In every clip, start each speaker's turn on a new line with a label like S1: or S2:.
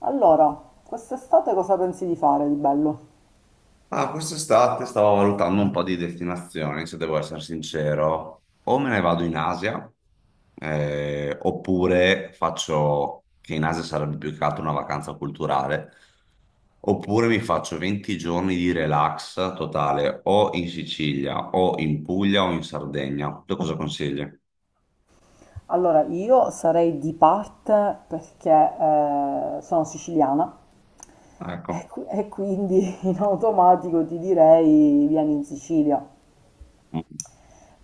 S1: Allora, quest'estate cosa pensi di fare di bello?
S2: Ah, quest'estate stavo valutando un po' di destinazioni, se devo essere sincero. O me ne vado in Asia, oppure faccio, che in Asia sarebbe più che altro una vacanza culturale, oppure mi faccio 20 giorni di relax totale o in Sicilia, o in Puglia, o in Sardegna. Tu cosa consigli?
S1: Allora, io sarei di parte perché sono siciliana
S2: Ecco,
S1: e quindi in automatico ti direi vieni in Sicilia.
S2: una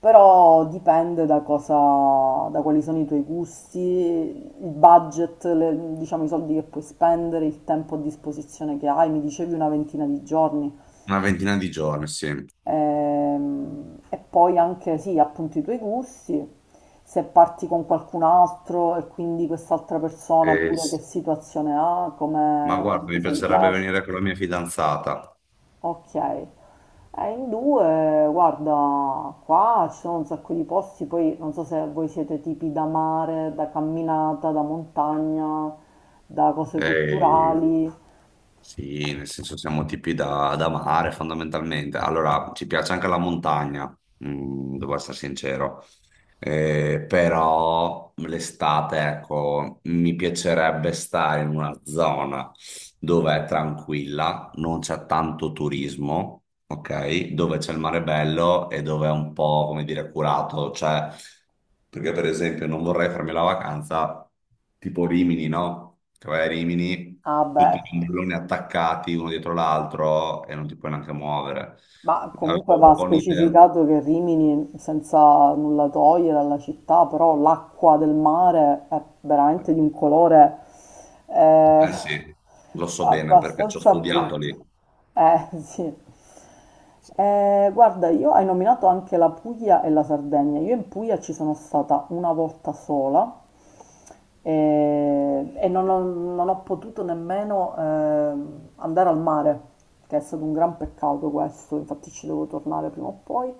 S1: Però dipende da cosa, da quali sono i tuoi gusti, il budget, diciamo i soldi che puoi spendere, il tempo a disposizione che hai. Mi dicevi una ventina di giorni.
S2: ventina di giorni, sì.
S1: E poi anche, sì, appunto i tuoi gusti, se parti con qualcun altro e quindi quest'altra persona
S2: Eh,
S1: pure che
S2: s-
S1: situazione ha,
S2: ma
S1: come,
S2: guarda, mi
S1: cosa gli
S2: piacerebbe
S1: piace.
S2: venire con la mia fidanzata.
S1: Ok. In due, guarda, qua ci sono un sacco di posti, poi non so se voi siete tipi da mare, da camminata, da montagna, da cose
S2: ehm,
S1: culturali.
S2: Sì, nel senso siamo tipi da mare fondamentalmente. Allora, ci piace anche la montagna, mm, devo essere sincero. Però l'estate, ecco, mi piacerebbe stare in una zona dove è tranquilla, non c'è tanto turismo, ok? Dove c'è il mare bello e dove è un po', come dire, curato, cioè, perché per esempio non vorrei farmi la vacanza tipo Rimini, no? Che vai a Rimini,
S1: Ah,
S2: tutti
S1: beh.
S2: i ombrelloni attaccati uno dietro l'altro e non ti puoi neanche muovere.
S1: Ma comunque
S2: Avevo un
S1: va
S2: po' un'idea.
S1: specificato che Rimini, senza nulla togliere alla città, però l'acqua del mare è veramente di un colore eh,
S2: Eh sì, lo so bene perché ci ho
S1: abbastanza
S2: studiato
S1: brutto.
S2: lì.
S1: Sì. Guarda, io hai nominato anche la Puglia e la Sardegna. Io in Puglia ci sono stata una volta sola e non ho potuto nemmeno andare al mare, che è stato un gran peccato questo, infatti ci devo tornare prima o poi.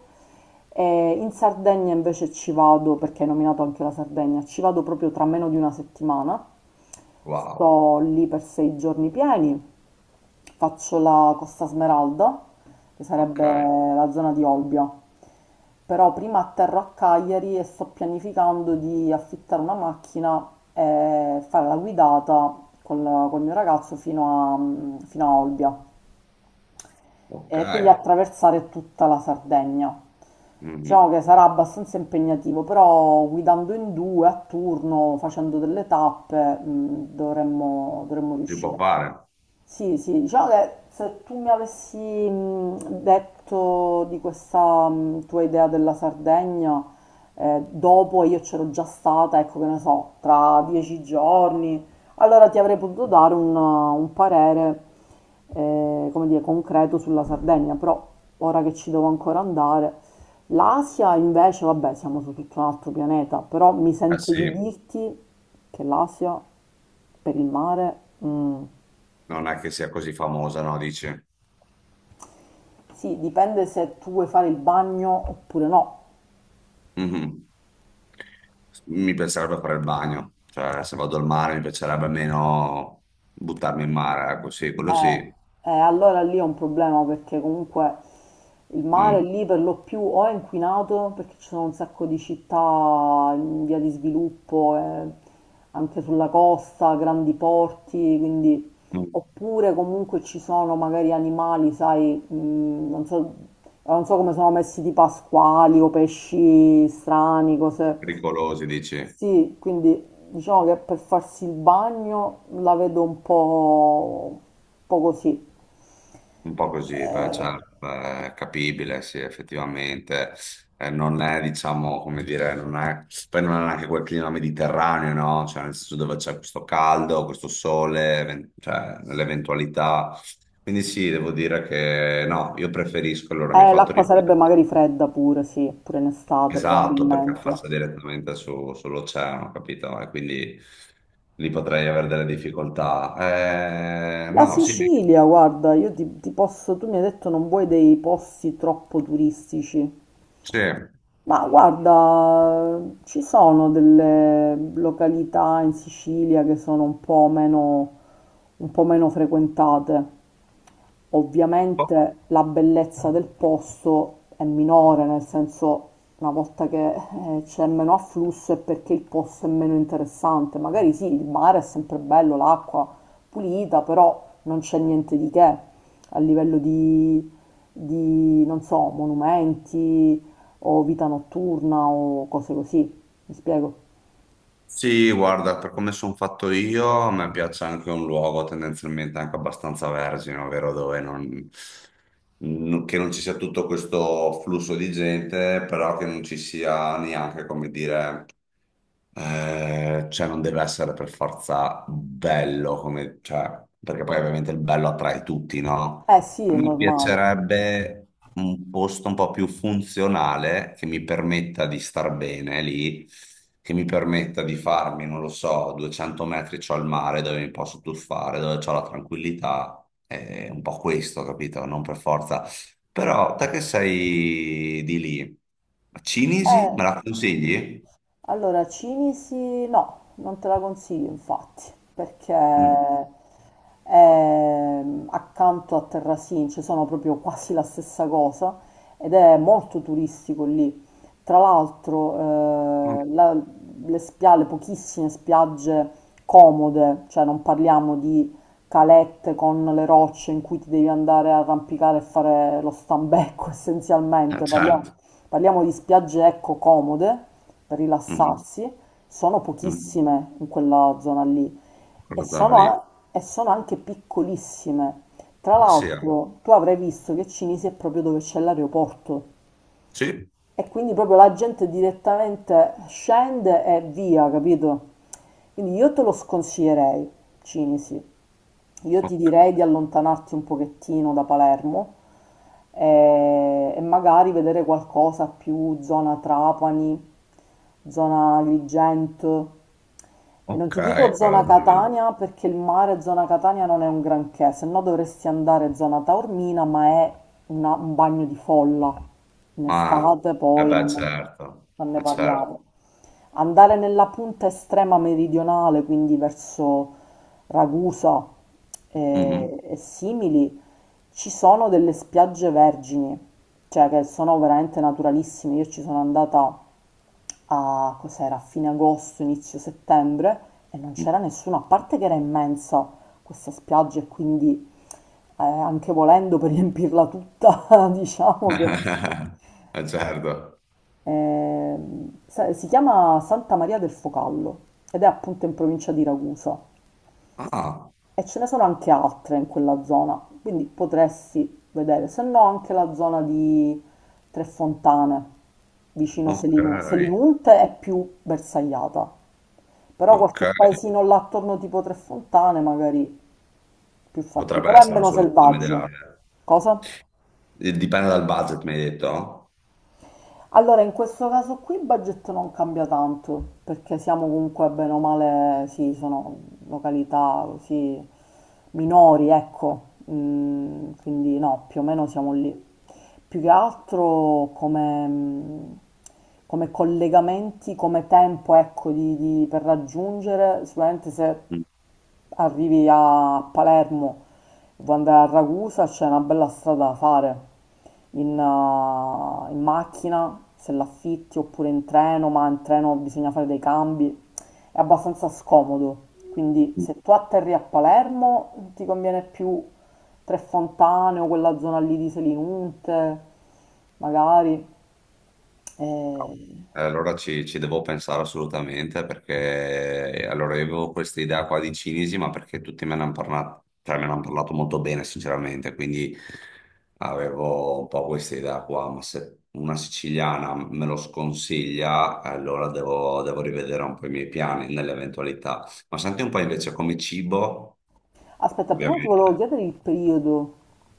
S1: E in Sardegna invece ci vado, perché hai nominato anche la Sardegna, ci vado proprio tra meno di una settimana,
S2: Wow,
S1: sto lì per 6 giorni pieni. Faccio la Costa Smeralda, che
S2: ok,
S1: sarebbe la zona di Olbia. Però prima atterro a Cagliari e sto pianificando di affittare una macchina e fare la guidata col mio ragazzo fino a Olbia
S2: ok.
S1: e quindi attraversare tutta la Sardegna. Diciamo
S2: Mhm.
S1: che sarà abbastanza impegnativo, però guidando in due a turno, facendo delle tappe, dovremmo
S2: Si può
S1: riuscire.
S2: fare.
S1: Sì, sì, diciamo che se tu mi avessi detto di questa tua idea della Sardegna, dopo io c'ero già stata, ecco che ne so, tra 10 giorni, allora ti avrei potuto dare un parere, come dire, concreto sulla Sardegna, però ora che ci devo ancora andare. L'Asia invece, vabbè, siamo su tutto un altro pianeta, però mi
S2: Eh
S1: sento
S2: sì,
S1: di dirti che l'Asia per il mare. mm,
S2: non è che sia così famosa, no? Dici.
S1: Sì, dipende se tu vuoi fare il bagno oppure no.
S2: Mhm. Mi piacerebbe fare il bagno, cioè se vado al mare mi piacerebbe meno buttarmi in mare, ecco sì, quello
S1: Eh,
S2: sì.
S1: allora lì è un problema perché comunque il mare
S2: Mm.
S1: lì per lo più o è inquinato perché ci sono un sacco di città in via di sviluppo, anche sulla costa, grandi porti, quindi
S2: Mm.
S1: oppure comunque ci sono magari animali, sai, non so come sono messi tipo pasquali o pesci strani, cose.
S2: Pericolosi, dici?
S1: Sì, quindi diciamo che per farsi il bagno la vedo un po' così.
S2: Un po' così, beh, cioè,
S1: Eh,
S2: beh, è capibile, sì, effettivamente. Non è, diciamo, come dire, non è. Poi non è neanche quel clima mediterraneo, no? Cioè, nel senso dove c'è questo caldo, questo sole, cioè, nell'eventualità. Quindi sì, devo dire che no, io preferisco, allora mi hai
S1: eh,
S2: fatto
S1: l'acqua sarebbe
S2: riflettere.
S1: magari fredda pure, sì, pure in estate
S2: Esatto, perché
S1: probabilmente.
S2: affaccia direttamente sull'oceano, capito? E quindi lì potrei avere delle difficoltà.
S1: La
S2: No, sì, mi-
S1: Sicilia, guarda, io ti posso, tu mi hai detto non vuoi dei posti troppo turistici.
S2: Sì.
S1: Ma guarda, ci sono delle località in Sicilia che sono un po' meno frequentate. Ovviamente la bellezza del posto è minore, nel senso una volta che c'è meno afflusso è perché il posto è meno interessante. Magari sì, il mare è sempre bello, l'acqua pulita, però non c'è niente di che a livello di, non so, monumenti o vita notturna o cose così, mi spiego?
S2: Sì, guarda, per come sono fatto io, a me piace anche un luogo tendenzialmente anche abbastanza vergine, ovvero dove non, che non ci sia tutto questo flusso di gente, però che non ci sia neanche, come dire, cioè non deve essere per forza bello, come, cioè, perché poi ovviamente il bello attrae tutti, no?
S1: Eh sì,
S2: A
S1: è
S2: me
S1: normale.
S2: piacerebbe un posto un po' più funzionale che mi permetta di star bene lì, che mi permetta di farmi, non lo so, 200 metri c'ho il mare dove mi posso tuffare, dove c'ho la tranquillità, è un po' questo, capito? Non per forza. Però te che sei di lì, Cinisi,
S1: Eh.
S2: me la consigli?
S1: Allora, Cinisi no, non te la consiglio infatti, perché
S2: Mm.
S1: è accanto a Terrasin, ci sono proprio quasi la stessa cosa ed è molto turistico lì. Tra
S2: Mm.
S1: l'altro, le pochissime spiagge comode, cioè non parliamo di calette con le rocce in cui ti devi andare a arrampicare e fare lo stambecco
S2: Ah,
S1: essenzialmente, parliamo
S2: certo.
S1: parliamo di spiagge ecco comode
S2: Mhm.
S1: rilassarsi, sono
S2: Mm.
S1: pochissime in quella zona lì e
S2: Quella zona
S1: sono,
S2: lì.
S1: a- e sono anche piccolissime. Tra
S2: Ah, sì, eh.
S1: l'altro, tu avrai visto che Cinisi è proprio dove c'è l'aeroporto
S2: Sì.
S1: e quindi proprio la gente direttamente scende e via, capito? Quindi io te lo sconsiglierei, Cinisi. Io ti
S2: Ok.
S1: direi di allontanarti un pochettino da Palermo magari vedere qualcosa più zona Trapani, zona Agrigento. E non
S2: Ok,
S1: ti dico
S2: quella
S1: zona
S2: zona lì.
S1: Catania perché il mare zona Catania non è un granché, se no dovresti andare zona Taormina, ma è un bagno di folla. In
S2: Ah,
S1: estate
S2: eh
S1: poi
S2: beh,
S1: non
S2: certo,
S1: non ne
S2: certo.
S1: parliamo. Andare nella punta estrema meridionale, quindi verso Ragusa
S2: Mhm.
S1: e simili, ci sono delle spiagge vergini, cioè che sono veramente naturalissime. Io ci sono andata a, cos'era, a fine agosto, inizio settembre e non c'era nessuno, a parte che era immensa questa spiaggia e quindi anche volendo per riempirla tutta, diciamo che.
S2: Certo.
S1: Si chiama Santa Maria del Focallo ed è appunto in provincia di Ragusa
S2: Ah,
S1: e ce ne sono anche altre in quella zona, quindi potresti vedere, se no anche la zona di Tre Fontane, vicino
S2: ok,
S1: Selinunte è più bersagliata, però
S2: ok.
S1: qualche paesino là attorno tipo Tre Fontane magari più fatti,
S2: Potrebbe
S1: però è
S2: essere una
S1: meno
S2: soluzione
S1: selvaggio.
S2: ideale.
S1: Cosa?
S2: Dipende dal budget, mi hai detto?
S1: Allora, in questo caso qui il budget non cambia tanto, perché siamo comunque bene o male, sì, sono località così minori, ecco. Quindi no, più o meno siamo lì. Più che altro come, come collegamenti, come tempo, ecco, per raggiungere, sicuramente se
S2: Mm.
S1: arrivi a Palermo e vuoi andare a Ragusa, c'è una bella strada da fare in macchina, se l'affitti, oppure in treno, ma in treno bisogna fare dei cambi, è abbastanza scomodo. Quindi se tu atterri a Palermo ti conviene più Tre Fontane o quella zona lì di Selinunte, magari. Eh,
S2: Allora ci devo pensare assolutamente perché allora io avevo questa idea qua di cinesi, ma perché tutti me ne hanno parlato, cioè me ne hanno parlato molto bene, sinceramente, quindi avevo un po' questa idea qua, ma se una siciliana me lo sconsiglia, allora devo rivedere un po' i miei piani nell'eventualità. Ma senti un po' invece come cibo,
S1: Aspetta, prima ti volevo
S2: ovviamente.
S1: chiedere il periodo,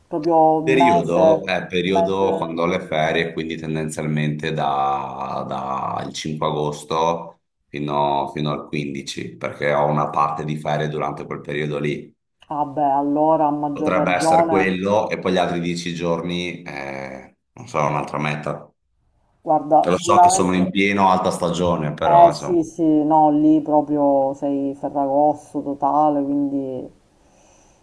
S1: proprio il
S2: Periodo
S1: mese,
S2: è
S1: il
S2: periodo
S1: mese.
S2: quando ho le ferie, quindi tendenzialmente dal 5 agosto fino al 15, perché ho una parte di ferie durante quel periodo lì.
S1: Ah beh, allora a maggior
S2: Potrebbe essere
S1: ragione,
S2: quello e poi gli altri 10 giorni, non so, un'altra meta.
S1: guarda,
S2: Lo so che sono in
S1: sicuramente,
S2: pieno alta stagione,
S1: eh
S2: però insomma.
S1: sì, sì, no, lì proprio sei ferragosto totale, quindi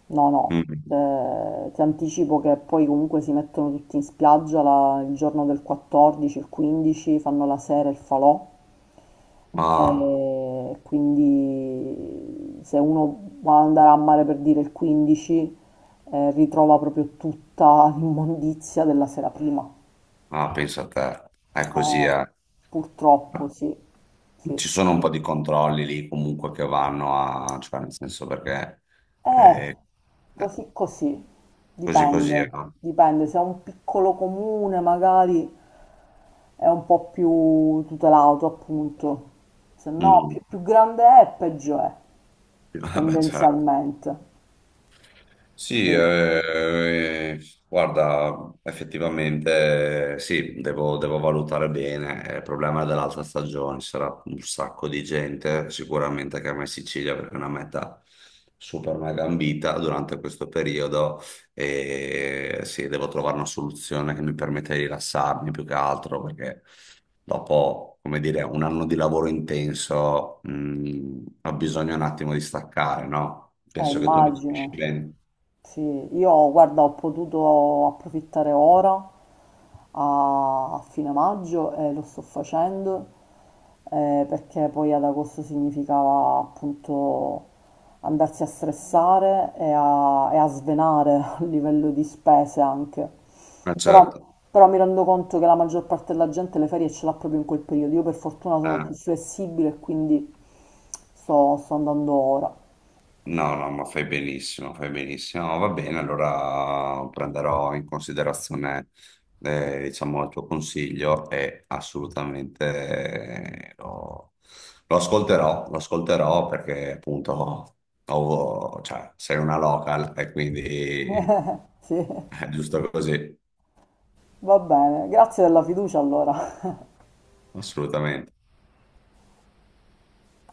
S1: no, no,
S2: Mm.
S1: Ti anticipo che poi comunque si mettono tutti in spiaggia il giorno del 14, il 15, fanno la sera il falò.
S2: Ah,
S1: E quindi se uno vuole andare a mare per dire il 15, ritrova proprio tutta l'immondizia della sera prima.
S2: ah, pensa a te, è così,
S1: Eh,
S2: eh.
S1: purtroppo sì, sì.
S2: Ci sono un po' di controlli lì comunque che vanno a, cioè nel senso perché
S1: Eh,
S2: eh, eh,
S1: così così,
S2: così così,
S1: dipende,
S2: no?
S1: dipende, se è un piccolo comune magari è un po' più tutelato appunto, se no
S2: Mm.
S1: più grande è peggio è,
S2: Vabbè, certo.
S1: tendenzialmente,
S2: Sì,
S1: sì,
S2: eh, guarda, effettivamente sì, devo valutare bene. Eh, il problema è dell'alta stagione, ci sarà un sacco di gente, sicuramente che a in Sicilia perché è una meta super mega ambita durante questo periodo e sì, devo trovare una soluzione che mi permetta di rilassarmi più che altro perché dopo, come dire, un anno di lavoro intenso, ho bisogno un attimo di staccare, no?
S1: eh
S2: Penso che tu mi capisci
S1: immagino.
S2: bene.
S1: Sì, io guarda, ho potuto approfittare ora a fine maggio e lo sto facendo perché poi ad agosto significava appunto andarsi a stressare e a svenare a livello di spese anche.
S2: Ma
S1: Però,
S2: certo,
S1: però mi rendo conto che la maggior parte della gente le ferie ce l'ha proprio in quel periodo. Io per fortuna sono più
S2: eh,
S1: flessibile e quindi sto andando ora.
S2: no, no, ma fai benissimo, fai benissimo. No, va bene, allora prenderò in considerazione, diciamo, il tuo consiglio e assolutamente lo, lo ascolterò perché appunto cioè, sei una local e quindi
S1: Sì.
S2: è giusto così,
S1: Va bene, grazie della fiducia allora.
S2: assolutamente.